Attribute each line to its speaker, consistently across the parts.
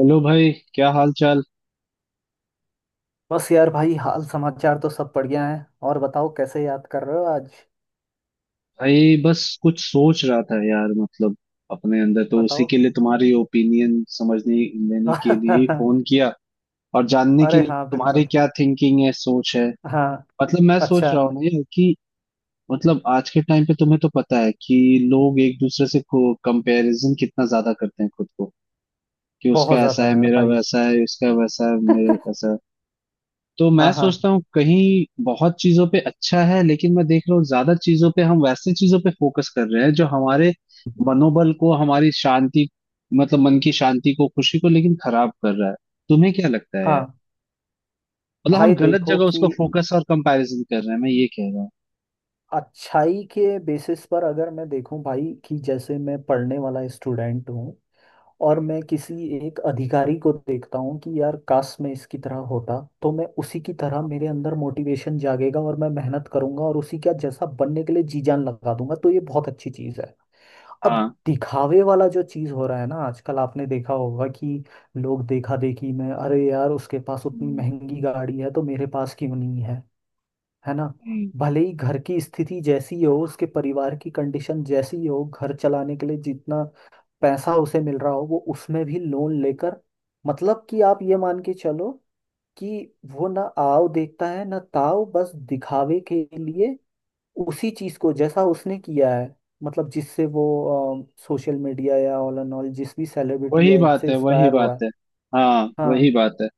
Speaker 1: Hello भाई, क्या हाल चाल।
Speaker 2: बस यार भाई हाल समाचार तो सब बढ़िया है। और बताओ कैसे याद कर रहे हो आज।
Speaker 1: भाई बस कुछ सोच रहा था यार। मतलब अपने अंदर तो उसी
Speaker 2: बताओ।
Speaker 1: के लिए तुम्हारी ओपिनियन समझने लेने के लिए ही फोन किया, और जानने के
Speaker 2: अरे
Speaker 1: लिए कि
Speaker 2: हाँ
Speaker 1: तुम्हारी
Speaker 2: बिल्कुल।
Speaker 1: क्या थिंकिंग है, सोच है।
Speaker 2: हाँ।
Speaker 1: मतलब मैं
Speaker 2: अच्छा।
Speaker 1: सोच रहा हूँ ना यार कि मतलब आज के टाइम पे तुम्हें तो पता है कि लोग एक दूसरे से कंपैरिजन कितना ज्यादा करते हैं खुद को, कि उसका
Speaker 2: बहुत
Speaker 1: ऐसा
Speaker 2: ज्यादा
Speaker 1: है
Speaker 2: यार
Speaker 1: मेरा
Speaker 2: भाई।
Speaker 1: वैसा है, उसका वैसा है मेरा ऐसा है। तो
Speaker 2: हाँ
Speaker 1: मैं
Speaker 2: हाँ
Speaker 1: सोचता हूँ कहीं बहुत चीजों पे अच्छा है, लेकिन मैं देख रहा हूँ ज्यादा चीजों पे हम वैसे चीजों पे फोकस कर रहे हैं जो हमारे मनोबल को, हमारी शांति, मतलब मन की शांति को, खुशी को लेकिन खराब कर रहा है। तुम्हें क्या लगता है
Speaker 2: हाँ।
Speaker 1: यार। मतलब हम
Speaker 2: भाई
Speaker 1: गलत
Speaker 2: देखो
Speaker 1: जगह
Speaker 2: कि
Speaker 1: उसको फोकस और कंपैरिजन कर रहे हैं, मैं ये कह रहा हूँ।
Speaker 2: अच्छाई के बेसिस पर अगर मैं देखूं भाई कि जैसे मैं पढ़ने वाला स्टूडेंट हूँ और मैं किसी एक अधिकारी को देखता हूँ कि यार काश मैं इसकी तरह होता, तो मैं उसी की तरह, मेरे अंदर मोटिवेशन जागेगा और मैं मेहनत करूंगा और उसी का जैसा बनने के लिए जी जान लगा दूंगा, तो ये बहुत अच्छी चीज़ है। अब
Speaker 1: हाँ।
Speaker 2: दिखावे वाला जो चीज़ हो रहा है ना आजकल, आपने देखा होगा कि लोग देखा देखी में, अरे यार उसके पास उतनी
Speaker 1: हम्म,
Speaker 2: महंगी गाड़ी है तो मेरे पास क्यों नहीं है, है ना।
Speaker 1: हम्म,
Speaker 2: भले ही घर की स्थिति जैसी हो, उसके परिवार की कंडीशन जैसी हो, घर चलाने के लिए जितना पैसा उसे मिल रहा हो, वो उसमें भी लोन लेकर, मतलब कि आप ये मान के चलो कि वो ना आओ देखता है ना ताओ, बस दिखावे के लिए उसी चीज को जैसा उसने किया है, मतलब जिससे वो सोशल मीडिया या ऑल एंड ऑल जिस भी सेलिब्रिटी
Speaker 1: वही
Speaker 2: या
Speaker 1: बात
Speaker 2: इनसे
Speaker 1: है, वही
Speaker 2: इंस्पायर हुआ
Speaker 1: बात
Speaker 2: है।
Speaker 1: है। हाँ, वही
Speaker 2: हाँ।
Speaker 1: बात है।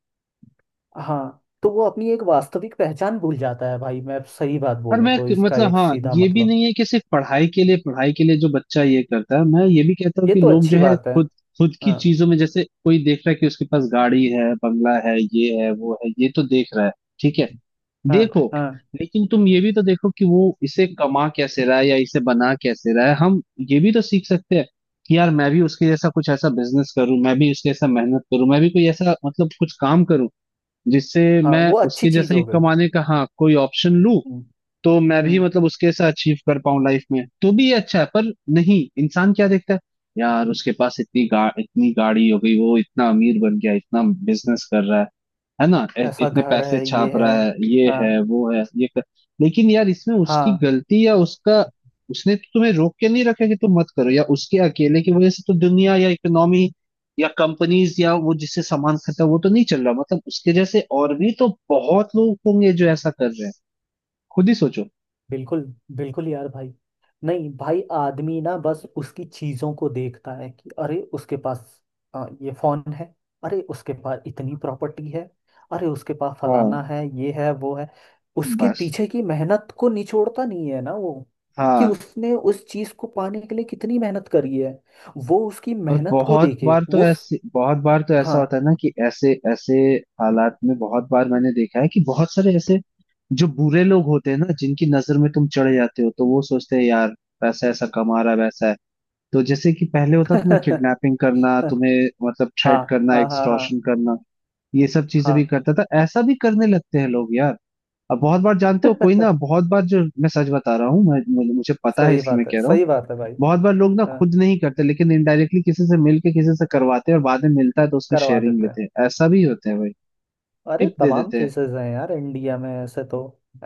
Speaker 2: हाँ, तो वो अपनी एक वास्तविक पहचान भूल जाता है भाई। मैं सही बात
Speaker 1: और
Speaker 2: बोलूँ
Speaker 1: मैं,
Speaker 2: तो इसका
Speaker 1: मतलब
Speaker 2: एक
Speaker 1: हाँ
Speaker 2: सीधा
Speaker 1: ये भी
Speaker 2: मतलब,
Speaker 1: नहीं है कि सिर्फ पढ़ाई के लिए, पढ़ाई के लिए जो बच्चा ये करता है। मैं ये भी कहता हूँ
Speaker 2: ये
Speaker 1: कि
Speaker 2: तो
Speaker 1: लोग जो
Speaker 2: अच्छी
Speaker 1: है
Speaker 2: बात है।
Speaker 1: खुद खुद की
Speaker 2: हाँ
Speaker 1: चीजों में, जैसे कोई देख रहा है कि उसके पास गाड़ी है, बंगला है, ये है वो है, ये तो देख रहा है। ठीक है,
Speaker 2: हाँ
Speaker 1: देखो,
Speaker 2: हाँ
Speaker 1: लेकिन तुम ये भी तो देखो कि वो इसे कमा कैसे रहा है या इसे बना कैसे रहा है। हम ये भी तो सीख सकते हैं कि यार मैं भी उसके जैसा कुछ ऐसा बिजनेस करूं, मैं भी उसके जैसा मेहनत करूं, मैं भी कोई ऐसा मतलब कुछ काम करूं जिससे
Speaker 2: हाँ।
Speaker 1: मैं
Speaker 2: वो अच्छी
Speaker 1: उसके जैसा
Speaker 2: चीज
Speaker 1: ही
Speaker 2: हो गई।
Speaker 1: कमाने का, हाँ, कोई ऑप्शन लूं।
Speaker 2: हम्म।
Speaker 1: तो मैं भी
Speaker 2: हम्म।
Speaker 1: मतलब उसके जैसा अचीव कर पाऊं लाइफ में, तो भी ये अच्छा है। पर नहीं, इंसान क्या देखता है, यार उसके पास इतनी इतनी गाड़ी हो गई, वो इतना अमीर बन गया, इतना बिजनेस कर रहा है ना।
Speaker 2: ऐसा
Speaker 1: इतने
Speaker 2: घर
Speaker 1: पैसे
Speaker 2: है,
Speaker 1: छाप
Speaker 2: ये है।
Speaker 1: रहा है, ये है
Speaker 2: हाँ।
Speaker 1: वो है, ये कर... लेकिन यार इसमें उसकी
Speaker 2: हाँ।
Speaker 1: गलती या उसका, उसने तो तुम्हें रोक के नहीं रखा कि तुम मत करो। या उसके अकेले की वजह से तो दुनिया या इकोनॉमी या कंपनीज या वो जिससे सामान खरीदता है वो तो नहीं चल रहा। मतलब उसके जैसे और भी तो बहुत लोग होंगे जो ऐसा कर रहे हैं, खुद ही सोचो।
Speaker 2: बिल्कुल। बिल्कुल यार भाई। नहीं भाई, आदमी ना बस उसकी चीजों को देखता है कि अरे उसके पास ये फोन है, अरे उसके पास इतनी प्रॉपर्टी है, अरे उसके पास
Speaker 1: हाँ,
Speaker 2: फलाना है, ये है वो है। उसके
Speaker 1: बस।
Speaker 2: पीछे की मेहनत को निचोड़ता नहीं है ना वो, कि
Speaker 1: हाँ।
Speaker 2: उसने उस चीज को पाने के लिए कितनी मेहनत करी है। वो उसकी
Speaker 1: और
Speaker 2: मेहनत को
Speaker 1: बहुत
Speaker 2: देखे,
Speaker 1: बार तो
Speaker 2: वो
Speaker 1: ऐसे, बहुत बार तो ऐसा
Speaker 2: हाँ।
Speaker 1: होता है ना कि ऐसे ऐसे हालात में बहुत बार मैंने देखा है कि बहुत सारे ऐसे जो बुरे लोग होते हैं ना, जिनकी नजर में तुम चढ़ जाते हो, तो वो सोचते हैं यार पैसा ऐसा कमा रहा है, वैसा है। तो जैसे कि पहले होता था ना,
Speaker 2: हाँ
Speaker 1: किडनैपिंग करना, तुम्हें मतलब
Speaker 2: हाँ
Speaker 1: थ्रेट करना,
Speaker 2: हाँ हाँ
Speaker 1: एक्सटॉर्शन करना, ये सब चीजें भी करता था, ऐसा भी करने लगते हैं लोग यार। अब बहुत बार जानते हो कोई ना,
Speaker 2: हाँ।
Speaker 1: बहुत बार जो मैं सच बता रहा हूँ मैं, मुझे मुझे पता है
Speaker 2: सही
Speaker 1: इसलिए मैं
Speaker 2: बात है।
Speaker 1: कह रहा हूँ।
Speaker 2: सही बात है भाई।
Speaker 1: बहुत बार लोग ना
Speaker 2: हाँ,
Speaker 1: खुद नहीं करते लेकिन इनडायरेक्टली किसी से मिल के किसी से करवाते हैं, और बाद में मिलता है तो उसमें
Speaker 2: करवा
Speaker 1: शेयरिंग
Speaker 2: देते
Speaker 1: लेते
Speaker 2: हैं।
Speaker 1: हैं। ऐसा भी होता है भाई।
Speaker 2: अरे
Speaker 1: टिप दे
Speaker 2: तमाम
Speaker 1: देते हैं।
Speaker 2: केसेस हैं यार इंडिया में,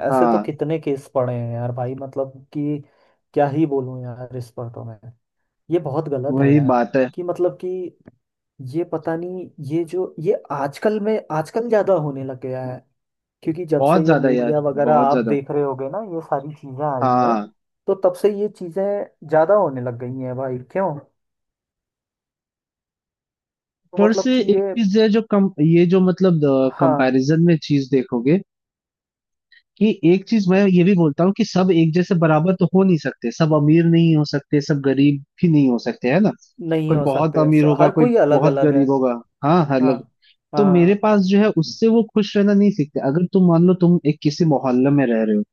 Speaker 2: ऐसे तो
Speaker 1: हाँ,
Speaker 2: कितने केस पड़े हैं यार भाई। मतलब कि क्या ही बोलूं यार इस पर, तो मैं, ये बहुत गलत है
Speaker 1: वही
Speaker 2: यार।
Speaker 1: बात है।
Speaker 2: कि मतलब कि ये, पता नहीं, ये जो ये आजकल में, आजकल ज्यादा होने लग गया है। क्योंकि जब से
Speaker 1: बहुत
Speaker 2: ये
Speaker 1: ज्यादा यार,
Speaker 2: मीडिया वगैरह,
Speaker 1: बहुत
Speaker 2: आप
Speaker 1: ज्यादा।
Speaker 2: देख रहे होगे ना, ये सारी चीजें आई हैं,
Speaker 1: हाँ।
Speaker 2: तो तब से ये चीजें ज्यादा होने लग गई हैं भाई। क्यों तो
Speaker 1: पर
Speaker 2: मतलब
Speaker 1: से
Speaker 2: कि
Speaker 1: एक
Speaker 2: ये,
Speaker 1: चीज है जो कम, ये जो मतलब
Speaker 2: हाँ।
Speaker 1: कंपैरिजन में चीज देखोगे कि, एक चीज मैं ये भी बोलता हूँ कि सब एक जैसे बराबर तो हो नहीं सकते, सब अमीर नहीं हो सकते, सब गरीब भी नहीं हो सकते, है ना।
Speaker 2: नहीं
Speaker 1: कोई
Speaker 2: हो
Speaker 1: बहुत
Speaker 2: सकते,
Speaker 1: अमीर होगा,
Speaker 2: हर
Speaker 1: कोई
Speaker 2: कोई अलग
Speaker 1: बहुत
Speaker 2: अलग है।
Speaker 1: गरीब होगा। हाँ, हर।
Speaker 2: हाँ।
Speaker 1: तो मेरे
Speaker 2: हाँ
Speaker 1: पास जो है उससे वो खुश रहना नहीं सीखते। अगर तुम मान लो तुम एक किसी मोहल्ले में रह रहे हो,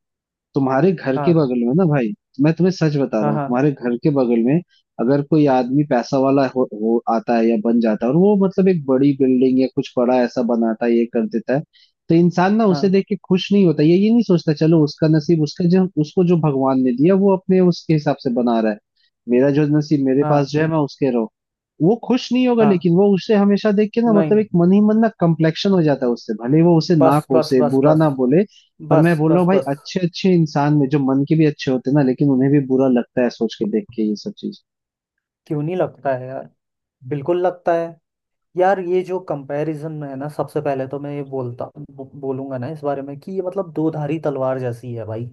Speaker 1: तुम्हारे घर के
Speaker 2: हाँ
Speaker 1: बगल में ना भाई, मैं तुम्हें सच बता रहा
Speaker 2: हाँ
Speaker 1: हूँ,
Speaker 2: हाँ
Speaker 1: तुम्हारे घर के बगल में अगर कोई आदमी पैसा वाला हो आता है या बन जाता है और वो मतलब एक बड़ी बिल्डिंग या कुछ बड़ा ऐसा बनाता है, ये कर देता है, तो इंसान ना उसे
Speaker 2: हाँ
Speaker 1: देख के खुश नहीं होता। ये नहीं सोचता चलो उसका नसीब, उसका जो उसको जो भगवान ने दिया वो अपने उसके हिसाब से बना रहा है। मेरा जो नसीब मेरे पास
Speaker 2: हाँ
Speaker 1: जो है मैं उसके रहो, वो खुश नहीं होगा।
Speaker 2: हाँ।
Speaker 1: लेकिन वो उसे हमेशा देख के ना, मतलब
Speaker 2: नहीं।
Speaker 1: एक मन ही मन ना कम्प्लेक्शन हो जाता है उससे, भले वो उसे ना
Speaker 2: बस बस
Speaker 1: कोसे,
Speaker 2: बस
Speaker 1: बुरा
Speaker 2: बस।
Speaker 1: ना बोले। पर मैं
Speaker 2: बस
Speaker 1: बोल रहा हूँ
Speaker 2: बस
Speaker 1: भाई,
Speaker 2: बस।
Speaker 1: अच्छे अच्छे इंसान में जो मन के भी अच्छे होते हैं ना, लेकिन उन्हें भी बुरा लगता है सोच के देख के ये सब चीज।
Speaker 2: क्यों नहीं लगता है यार, बिल्कुल लगता है। यार ये जो कंपैरिजन में है ना, सबसे पहले तो मैं ये बोलता, बोलूंगा ना इस बारे में कि ये मतलब दोधारी तलवार जैसी है भाई।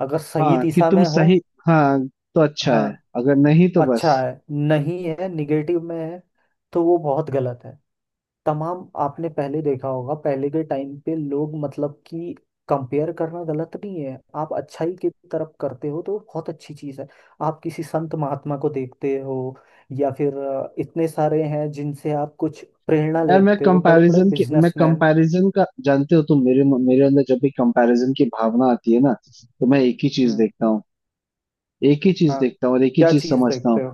Speaker 2: अगर सही
Speaker 1: हाँ कि
Speaker 2: दिशा
Speaker 1: तुम
Speaker 2: में हो,
Speaker 1: सही, हाँ तो अच्छा है,
Speaker 2: हाँ,
Speaker 1: अगर नहीं तो
Speaker 2: अच्छा
Speaker 1: बस।
Speaker 2: है। नहीं है, निगेटिव में है, तो वो बहुत गलत है। तमाम आपने पहले देखा होगा, पहले के टाइम पे लोग मतलब कि, कंपेयर करना गलत नहीं है। आप अच्छाई की तरफ करते हो तो बहुत अच्छी चीज़ है। आप किसी संत महात्मा को देखते हो, या फिर इतने सारे हैं जिनसे आप कुछ प्रेरणा
Speaker 1: यार मैं
Speaker 2: लेते हो, बड़े बड़े
Speaker 1: कंपैरिजन के, मैं
Speaker 2: बिजनेसमैन।
Speaker 1: कंपैरिजन का, जानते हो तुम, मेरे मेरे अंदर जब भी कंपैरिजन की भावना आती है ना, तो मैं एक ही चीज
Speaker 2: हम्म।
Speaker 1: देखता हूँ, एक ही चीज
Speaker 2: हाँ,
Speaker 1: देखता हूँ और एक ही
Speaker 2: क्या
Speaker 1: चीज
Speaker 2: चीज़
Speaker 1: समझता हूँ।
Speaker 2: देखते हो।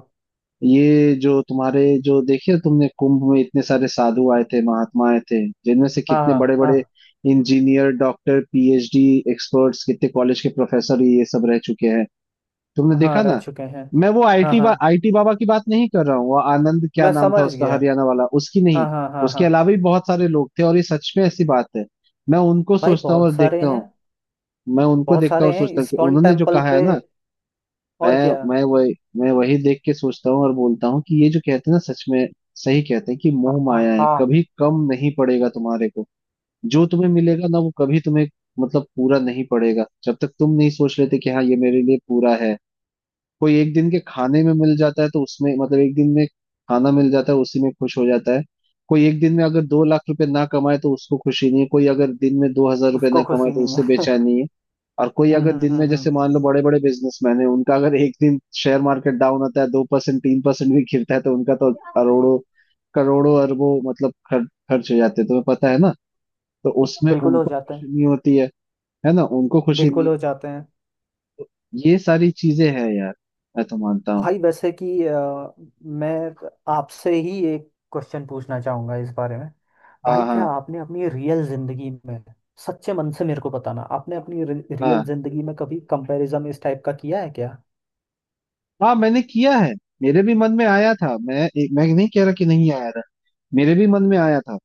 Speaker 1: ये जो तुम्हारे जो, देखिए तुमने कुंभ में इतने सारे साधु आए थे, महात्मा आए थे, जिनमें से
Speaker 2: हाँ
Speaker 1: कितने
Speaker 2: हाँ
Speaker 1: बड़े
Speaker 2: हाँ।
Speaker 1: बड़े इंजीनियर, डॉक्टर, पीएचडी एक्सपर्ट्स, कितने कॉलेज के प्रोफेसर ये सब रह चुके हैं, तुमने
Speaker 2: हाँ
Speaker 1: देखा
Speaker 2: रह
Speaker 1: ना।
Speaker 2: चुके हैं।
Speaker 1: मैं वो
Speaker 2: हाँ हाँ,
Speaker 1: आईटी बाबा की बात नहीं कर रहा हूँ, वो आनंद क्या
Speaker 2: मैं
Speaker 1: नाम था
Speaker 2: समझ
Speaker 1: उसका,
Speaker 2: गया।
Speaker 1: हरियाणा वाला, उसकी
Speaker 2: हाँ
Speaker 1: नहीं।
Speaker 2: हाँ हाँ
Speaker 1: उसके
Speaker 2: हाँ।
Speaker 1: अलावा भी बहुत सारे लोग थे, और ये सच में ऐसी बात है। मैं उनको
Speaker 2: भाई
Speaker 1: सोचता हूँ और
Speaker 2: बहुत सारे
Speaker 1: देखता
Speaker 2: हैं।
Speaker 1: हूँ, मैं उनको
Speaker 2: बहुत
Speaker 1: देखता हूँ
Speaker 2: सारे
Speaker 1: और
Speaker 2: हैं
Speaker 1: सोचता हूँ कि
Speaker 2: इस्कॉन
Speaker 1: उन्होंने जो
Speaker 2: टेम्पल
Speaker 1: कहा है
Speaker 2: पे।
Speaker 1: ना, मैं
Speaker 2: और क्या।
Speaker 1: मैं वही देख के सोचता हूँ और बोलता हूँ कि ये जो कहते हैं ना, सच में सही कहते हैं कि
Speaker 2: हाँ
Speaker 1: मोह
Speaker 2: हाँ
Speaker 1: माया है,
Speaker 2: हाँ,
Speaker 1: कभी कम नहीं पड़ेगा तुम्हारे को। जो तुम्हें मिलेगा ना, वो कभी तुम्हें मतलब पूरा नहीं पड़ेगा जब तक तुम नहीं सोच लेते कि हाँ ये मेरे लिए पूरा है। कोई एक दिन के खाने में मिल जाता है तो उसमें मतलब एक दिन में खाना मिल जाता है उसी में खुश हो जाता है। कोई एक दिन में अगर 2 लाख रुपए ना कमाए तो उसको खुशी नहीं है। कोई अगर दिन में 2 हजार रुपये
Speaker 2: उसको
Speaker 1: ना कमाए
Speaker 2: खुशी
Speaker 1: तो
Speaker 2: नहीं
Speaker 1: उससे
Speaker 2: है।
Speaker 1: बेचैनी है। और कोई
Speaker 2: हम्म
Speaker 1: अगर
Speaker 2: हम्म
Speaker 1: दिन में
Speaker 2: हम्म हम्म।
Speaker 1: जैसे मान लो बड़े बड़े बिजनेसमैन है, उनका अगर एक दिन शेयर मार्केट डाउन होता है, 2% 3% भी गिरता है तो उनका तो करोड़ों करोड़ों अरबों मतलब खर्च हो जाते हैं, तुम्हें पता है ना। तो उसमें
Speaker 2: बिल्कुल हो
Speaker 1: उनको
Speaker 2: जाते
Speaker 1: खुशी
Speaker 2: हैं।
Speaker 1: नहीं होती है ना, उनको खुशी
Speaker 2: बिल्कुल
Speaker 1: नहीं।
Speaker 2: हो जाते हैं।
Speaker 1: ये सारी चीजें हैं यार, मैं तो मानता हूँ।
Speaker 2: भाई वैसे कि मैं आपसे ही एक क्वेश्चन पूछना चाहूंगा इस बारे में। भाई
Speaker 1: हाँ
Speaker 2: क्या
Speaker 1: हाँ।
Speaker 2: आपने अपनी रियल जिंदगी में, सच्चे मन से मेरे को बताना, आपने अपनी रियल
Speaker 1: हाँ,
Speaker 2: जिंदगी में कभी कंपैरिजन इस टाइप का किया है क्या।
Speaker 1: हाँ मैंने किया है। मेरे भी मन में आया था, मैं मैं नहीं कह रहा कि नहीं आया था, मेरे भी मन में आया था।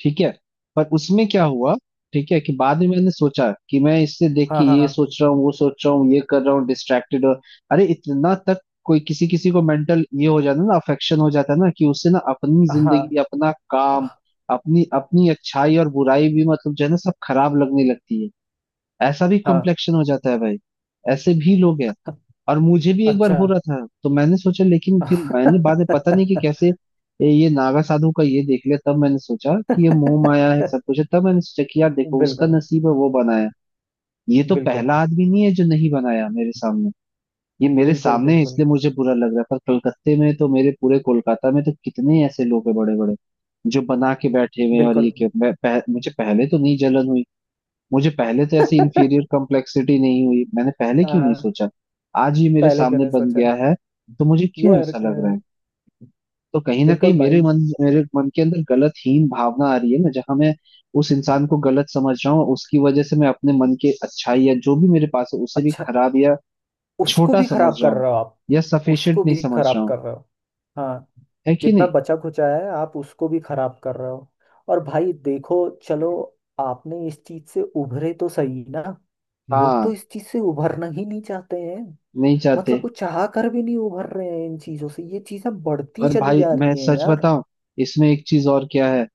Speaker 1: ठीक है, पर उसमें क्या हुआ, ठीक है, कि बाद में मैंने सोचा कि मैं इससे देख के
Speaker 2: हाँ
Speaker 1: ये
Speaker 2: हाँ
Speaker 1: सोच रहा हूँ, वो सोच रहा हूँ, ये कर रहा हूँ डिस्ट्रैक्टेड और अरे इतना तक, कोई किसी किसी को मेंटल ये हो जाता है ना, अफेक्शन हो जाता है ना, कि उससे ना अपनी
Speaker 2: हाँ
Speaker 1: जिंदगी, अपना काम, अपनी अपनी अच्छाई और बुराई भी, मतलब जो है ना, सब खराब लगने लगती है। ऐसा भी
Speaker 2: हाँ।
Speaker 1: कम्प्लेक्शन हो जाता है भाई, ऐसे भी लोग हैं। और मुझे भी एक बार
Speaker 2: अच्छा।
Speaker 1: हो रहा था तो मैंने सोचा, लेकिन फिर मैंने बाद में पता नहीं कि कैसे, ये नागा साधु का ये देख लिया तब मैंने सोचा कि ये मोह माया है,
Speaker 2: बिल्कुल।
Speaker 1: सब कुछ है। तब मैंने सोचा कि यार देखो उसका नसीब है वो बनाया, ये तो
Speaker 2: बिल्कुल।
Speaker 1: पहला आदमी नहीं है जो नहीं बनाया मेरे सामने। ये मेरे
Speaker 2: बिल्कुल।
Speaker 1: सामने है
Speaker 2: बिल्कुल।
Speaker 1: इसलिए मुझे बुरा लग रहा है, पर कलकत्ते में तो मेरे, पूरे कोलकाता में तो कितने ऐसे लोग हैं बड़े बड़े जो बना के बैठे हुए हैं। और ये
Speaker 2: बिल्कुल।
Speaker 1: क्यों मुझे पहले तो नहीं जलन हुई, मुझे पहले तो ऐसी इंफीरियर कॉम्प्लेक्सिटी नहीं हुई, मैंने पहले क्यों नहीं
Speaker 2: आ,
Speaker 1: सोचा। आज ये मेरे
Speaker 2: पहले क्यों
Speaker 1: सामने
Speaker 2: नहीं
Speaker 1: बन
Speaker 2: सोचा।
Speaker 1: गया है तो मुझे
Speaker 2: ये
Speaker 1: क्यों
Speaker 2: हर-
Speaker 1: ऐसा लग रहा
Speaker 2: अ,
Speaker 1: है। तो कहीं ना कहीं
Speaker 2: बिल्कुल भाई।
Speaker 1: मेरे मन के अंदर गलत हीन भावना आ रही है ना, जहां मैं उस इंसान को
Speaker 2: अ-
Speaker 1: गलत समझ रहा हूँ, उसकी वजह से मैं अपने मन के अच्छाई या जो भी मेरे पास है उसे भी
Speaker 2: अच्छा,
Speaker 1: खराब या
Speaker 2: उसको
Speaker 1: छोटा
Speaker 2: भी
Speaker 1: समझ
Speaker 2: खराब
Speaker 1: रहा
Speaker 2: कर
Speaker 1: हूँ,
Speaker 2: रहे हो आप।
Speaker 1: या
Speaker 2: उसको
Speaker 1: सफिशियंट नहीं
Speaker 2: भी
Speaker 1: समझ
Speaker 2: खराब
Speaker 1: रहा हूँ।
Speaker 2: कर रहे हो। हाँ।
Speaker 1: है कि
Speaker 2: जितना
Speaker 1: नहीं।
Speaker 2: बचा खुचा है आप उसको भी खराब कर रहे हो। और भाई देखो, चलो, आपने इस चीज से उभरे तो सही ना। लोग तो
Speaker 1: हाँ,
Speaker 2: इस चीज से उभरना ही नहीं चाहते हैं।
Speaker 1: नहीं चाहते।
Speaker 2: मतलब कुछ चाह कर भी नहीं उभर रहे हैं इन चीजों से, ये चीजें बढ़ती
Speaker 1: और
Speaker 2: चली
Speaker 1: भाई
Speaker 2: जा
Speaker 1: मैं
Speaker 2: रही हैं
Speaker 1: सच
Speaker 2: यार।
Speaker 1: बताऊं, इसमें एक चीज और क्या है,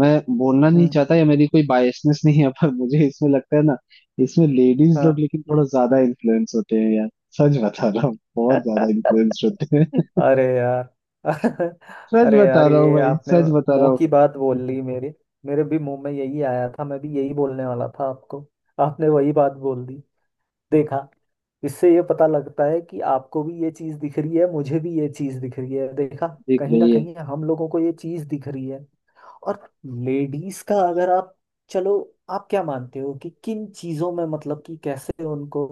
Speaker 1: मैं बोलना नहीं
Speaker 2: हम्म।
Speaker 1: चाहता या मेरी कोई बायसनेस नहीं है, पर मुझे इसमें लगता है ना, इसमें लेडीज लोग
Speaker 2: हाँ।
Speaker 1: लेकिन थोड़ा ज्यादा इन्फ्लुएंस होते हैं यार, सच बता रहा हूँ। बहुत ज्यादा इन्फ्लुएंस होते हैं,
Speaker 2: अरे यार।
Speaker 1: सच
Speaker 2: अरे
Speaker 1: बता
Speaker 2: यार
Speaker 1: रहा हूँ
Speaker 2: ये
Speaker 1: भाई,
Speaker 2: आपने
Speaker 1: सच बता रहा
Speaker 2: मुंह
Speaker 1: हूँ।
Speaker 2: की बात बोल ली मेरे। मेरे भी मुंह में यही आया था, मैं भी यही बोलने वाला था आपको। आपने वही बात बोल दी। देखा। इससे ये पता लगता है कि आपको भी ये चीज दिख रही है, मुझे भी ये चीज दिख रही है। देखा।
Speaker 1: दिख
Speaker 2: कहीं ना
Speaker 1: रही है।
Speaker 2: कहीं हम लोगों को ये चीज दिख रही है। और लेडीज का अगर आप, चलो, आप क्या मानते हो कि किन चीजों में, मतलब कि कैसे उनको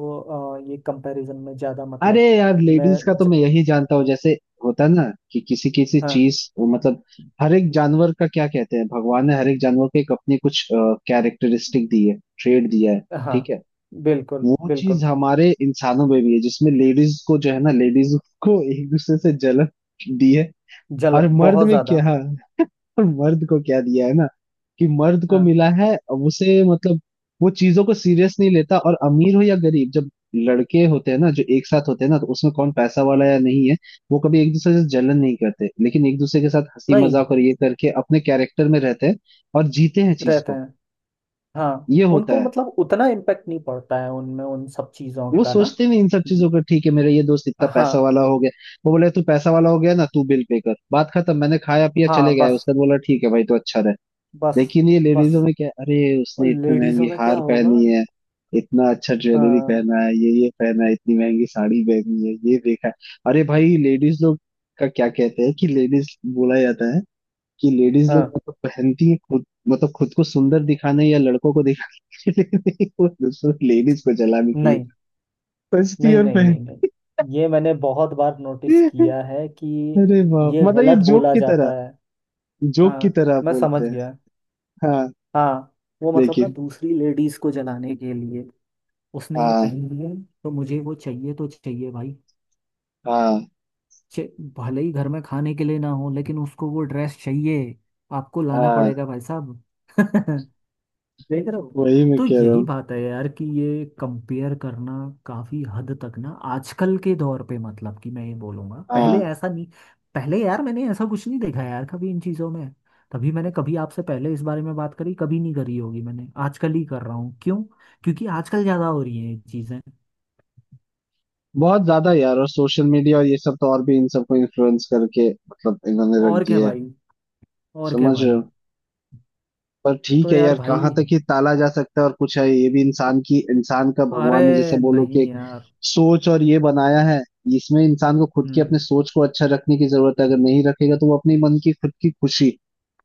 Speaker 2: ये कंपैरिजन में ज्यादा
Speaker 1: अरे
Speaker 2: मतलब,
Speaker 1: यार लेडीज का
Speaker 2: मैं
Speaker 1: तो
Speaker 2: ज,
Speaker 1: मैं यही जानता हूँ, जैसे होता है ना कि किसी किसी
Speaker 2: हाँ।
Speaker 1: चीज मतलब, हर एक जानवर का क्या कहते हैं, भगवान ने हर एक जानवर को एक अपनी कुछ कैरेक्टरिस्टिक दी है, ट्रेड दिया है,
Speaker 2: हाँ
Speaker 1: ठीक है।
Speaker 2: बिल्कुल
Speaker 1: वो
Speaker 2: बिल्कुल।
Speaker 1: चीज हमारे इंसानों में भी है, जिसमें लेडीज को जो है ना, लेडीज को एक दूसरे से जलन दी है।
Speaker 2: जल
Speaker 1: और मर्द
Speaker 2: बहुत
Speaker 1: में
Speaker 2: ज्यादा।
Speaker 1: क्या, और मर्द को क्या दिया है ना, कि मर्द को
Speaker 2: हाँ।
Speaker 1: मिला है अब उसे मतलब वो चीजों को सीरियस नहीं लेता। और अमीर हो या गरीब, जब लड़के होते हैं ना जो एक साथ होते हैं ना, तो उसमें कौन पैसा वाला या नहीं है वो कभी एक दूसरे से जलन नहीं करते, लेकिन एक दूसरे के साथ हंसी
Speaker 2: नहीं
Speaker 1: मजाक और ये करके अपने कैरेक्टर में रहते हैं और जीते हैं चीज
Speaker 2: रहते
Speaker 1: को।
Speaker 2: हैं। हाँ,
Speaker 1: ये होता
Speaker 2: उनको
Speaker 1: है,
Speaker 2: मतलब उतना इम्पेक्ट नहीं पड़ता है उनमें, उन सब चीजों
Speaker 1: वो
Speaker 2: का ना।
Speaker 1: सोचते नहीं इन सब चीजों का। ठीक है मेरा ये दोस्त इतना
Speaker 2: हाँ।
Speaker 1: पैसा वाला हो गया, वो बोले तू पैसा वाला हो गया ना तू बिल पे कर, बात खत्म, मैंने खाया पिया चले
Speaker 2: हाँ
Speaker 1: गए।
Speaker 2: बस
Speaker 1: उसके बाद बोला ठीक है भाई तो अच्छा रहे।
Speaker 2: बस
Speaker 1: लेकिन ये लेडीजों
Speaker 2: बस।
Speaker 1: में क्या, अरे
Speaker 2: और
Speaker 1: उसने इतनी
Speaker 2: लेडीजों
Speaker 1: महंगी
Speaker 2: में क्या
Speaker 1: हार
Speaker 2: होगा।
Speaker 1: पहनी है, इतना अच्छा ज्वेलरी
Speaker 2: हाँ।
Speaker 1: पहना है, ये पहना है, इतनी महंगी साड़ी पहनी है ये देखा है। अरे भाई लेडीज लोग का क्या कहते हैं कि, लेडीज बोला जाता है कि लेडीज लोग
Speaker 2: हाँ।
Speaker 1: मतलब पहनती है खुद मतलब खुद को सुंदर दिखाने या लड़कों को दिखाने के लिए नहीं, वो दूसरों लेडीज को जलाने के लिए,
Speaker 2: नहीं
Speaker 1: सस्ती
Speaker 2: नहीं
Speaker 1: और
Speaker 2: नहीं
Speaker 1: महंगी।
Speaker 2: नहीं। नहीं, ये मैंने बहुत बार नोटिस किया है कि,
Speaker 1: अरे बाप,
Speaker 2: ये
Speaker 1: मतलब ये
Speaker 2: गलत
Speaker 1: जोक
Speaker 2: बोला
Speaker 1: की तरह,
Speaker 2: जाता है।
Speaker 1: जोक की
Speaker 2: हाँ,
Speaker 1: तरह आप
Speaker 2: मैं समझ
Speaker 1: बोलते हैं।
Speaker 2: गया।
Speaker 1: हाँ,
Speaker 2: हाँ। वो मतलब ना
Speaker 1: लेकिन।
Speaker 2: दूसरी लेडीज को जलाने के लिए उसने ये
Speaker 1: हाँ
Speaker 2: पहनी है, तो मुझे वो चाहिए, तो चाहिए भाई।
Speaker 1: हाँ
Speaker 2: चे- भले ही घर में खाने के लिए ना हो लेकिन उसको वो ड्रेस चाहिए, आपको लाना
Speaker 1: हाँ।
Speaker 2: पड़ेगा भाई साहब। देख रहे हो।
Speaker 1: वही मैं
Speaker 2: तो
Speaker 1: कह रहा
Speaker 2: यही
Speaker 1: हूँ।
Speaker 2: बात है यार कि ये कंपेयर करना काफी हद तक ना, आजकल के दौर पे मतलब कि, मैं ये बोलूंगा पहले
Speaker 1: हाँ,
Speaker 2: ऐसा नहीं। पहले यार मैंने ऐसा कुछ नहीं देखा यार कभी इन चीजों में। तभी मैंने कभी आपसे पहले इस बारे में बात करी, कभी नहीं करी होगी, मैंने आजकल ही कर रहा हूँ। क्यों? क्योंकि आजकल ज्यादा हो रही हैं ये चीजें।
Speaker 1: बहुत ज्यादा यार, और सोशल मीडिया और ये सब तो और भी इन सबको इन्फ्लुएंस करके मतलब इन्होंने रख
Speaker 2: और क्या
Speaker 1: दिया है,
Speaker 2: भाई। और क्या
Speaker 1: समझ रहे हो।
Speaker 2: भाई।
Speaker 1: पर ठीक
Speaker 2: तो
Speaker 1: है
Speaker 2: यार
Speaker 1: यार,
Speaker 2: भाई,
Speaker 1: कहाँ तक ये टाला जा सकता है, और कुछ है ये भी इंसान की, इंसान का भगवान ने जैसे
Speaker 2: अरे
Speaker 1: बोलो कि
Speaker 2: नहीं
Speaker 1: एक
Speaker 2: यार।
Speaker 1: सोच और ये बनाया है। इसमें इंसान को खुद की अपने
Speaker 2: हम्म।
Speaker 1: सोच को अच्छा रखने की जरूरत है, अगर नहीं रखेगा तो वो अपने मन की खुद की खुशी,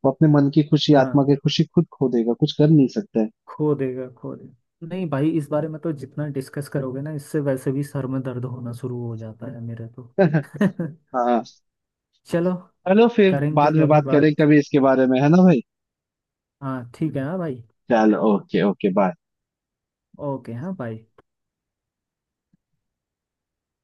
Speaker 1: वो अपने मन की खुशी, आत्मा
Speaker 2: हाँ।
Speaker 1: की खुशी खुद खो देगा, कुछ कर नहीं सकता है।
Speaker 2: खो देगा, खो देगा नहीं भाई, इस बारे में तो जितना डिस्कस करोगे ना, इससे वैसे भी सर में दर्द होना शुरू हो जाता है मेरे तो।
Speaker 1: हाँ,
Speaker 2: चलो,
Speaker 1: चलो फिर
Speaker 2: करेंगे
Speaker 1: बाद में
Speaker 2: कभी
Speaker 1: बात करें
Speaker 2: बात।
Speaker 1: कभी इसके बारे में, है ना भाई।
Speaker 2: हाँ ठीक है। हाँ भाई।
Speaker 1: चलो, ओके ओके, बाय।
Speaker 2: ओके। हाँ बाय।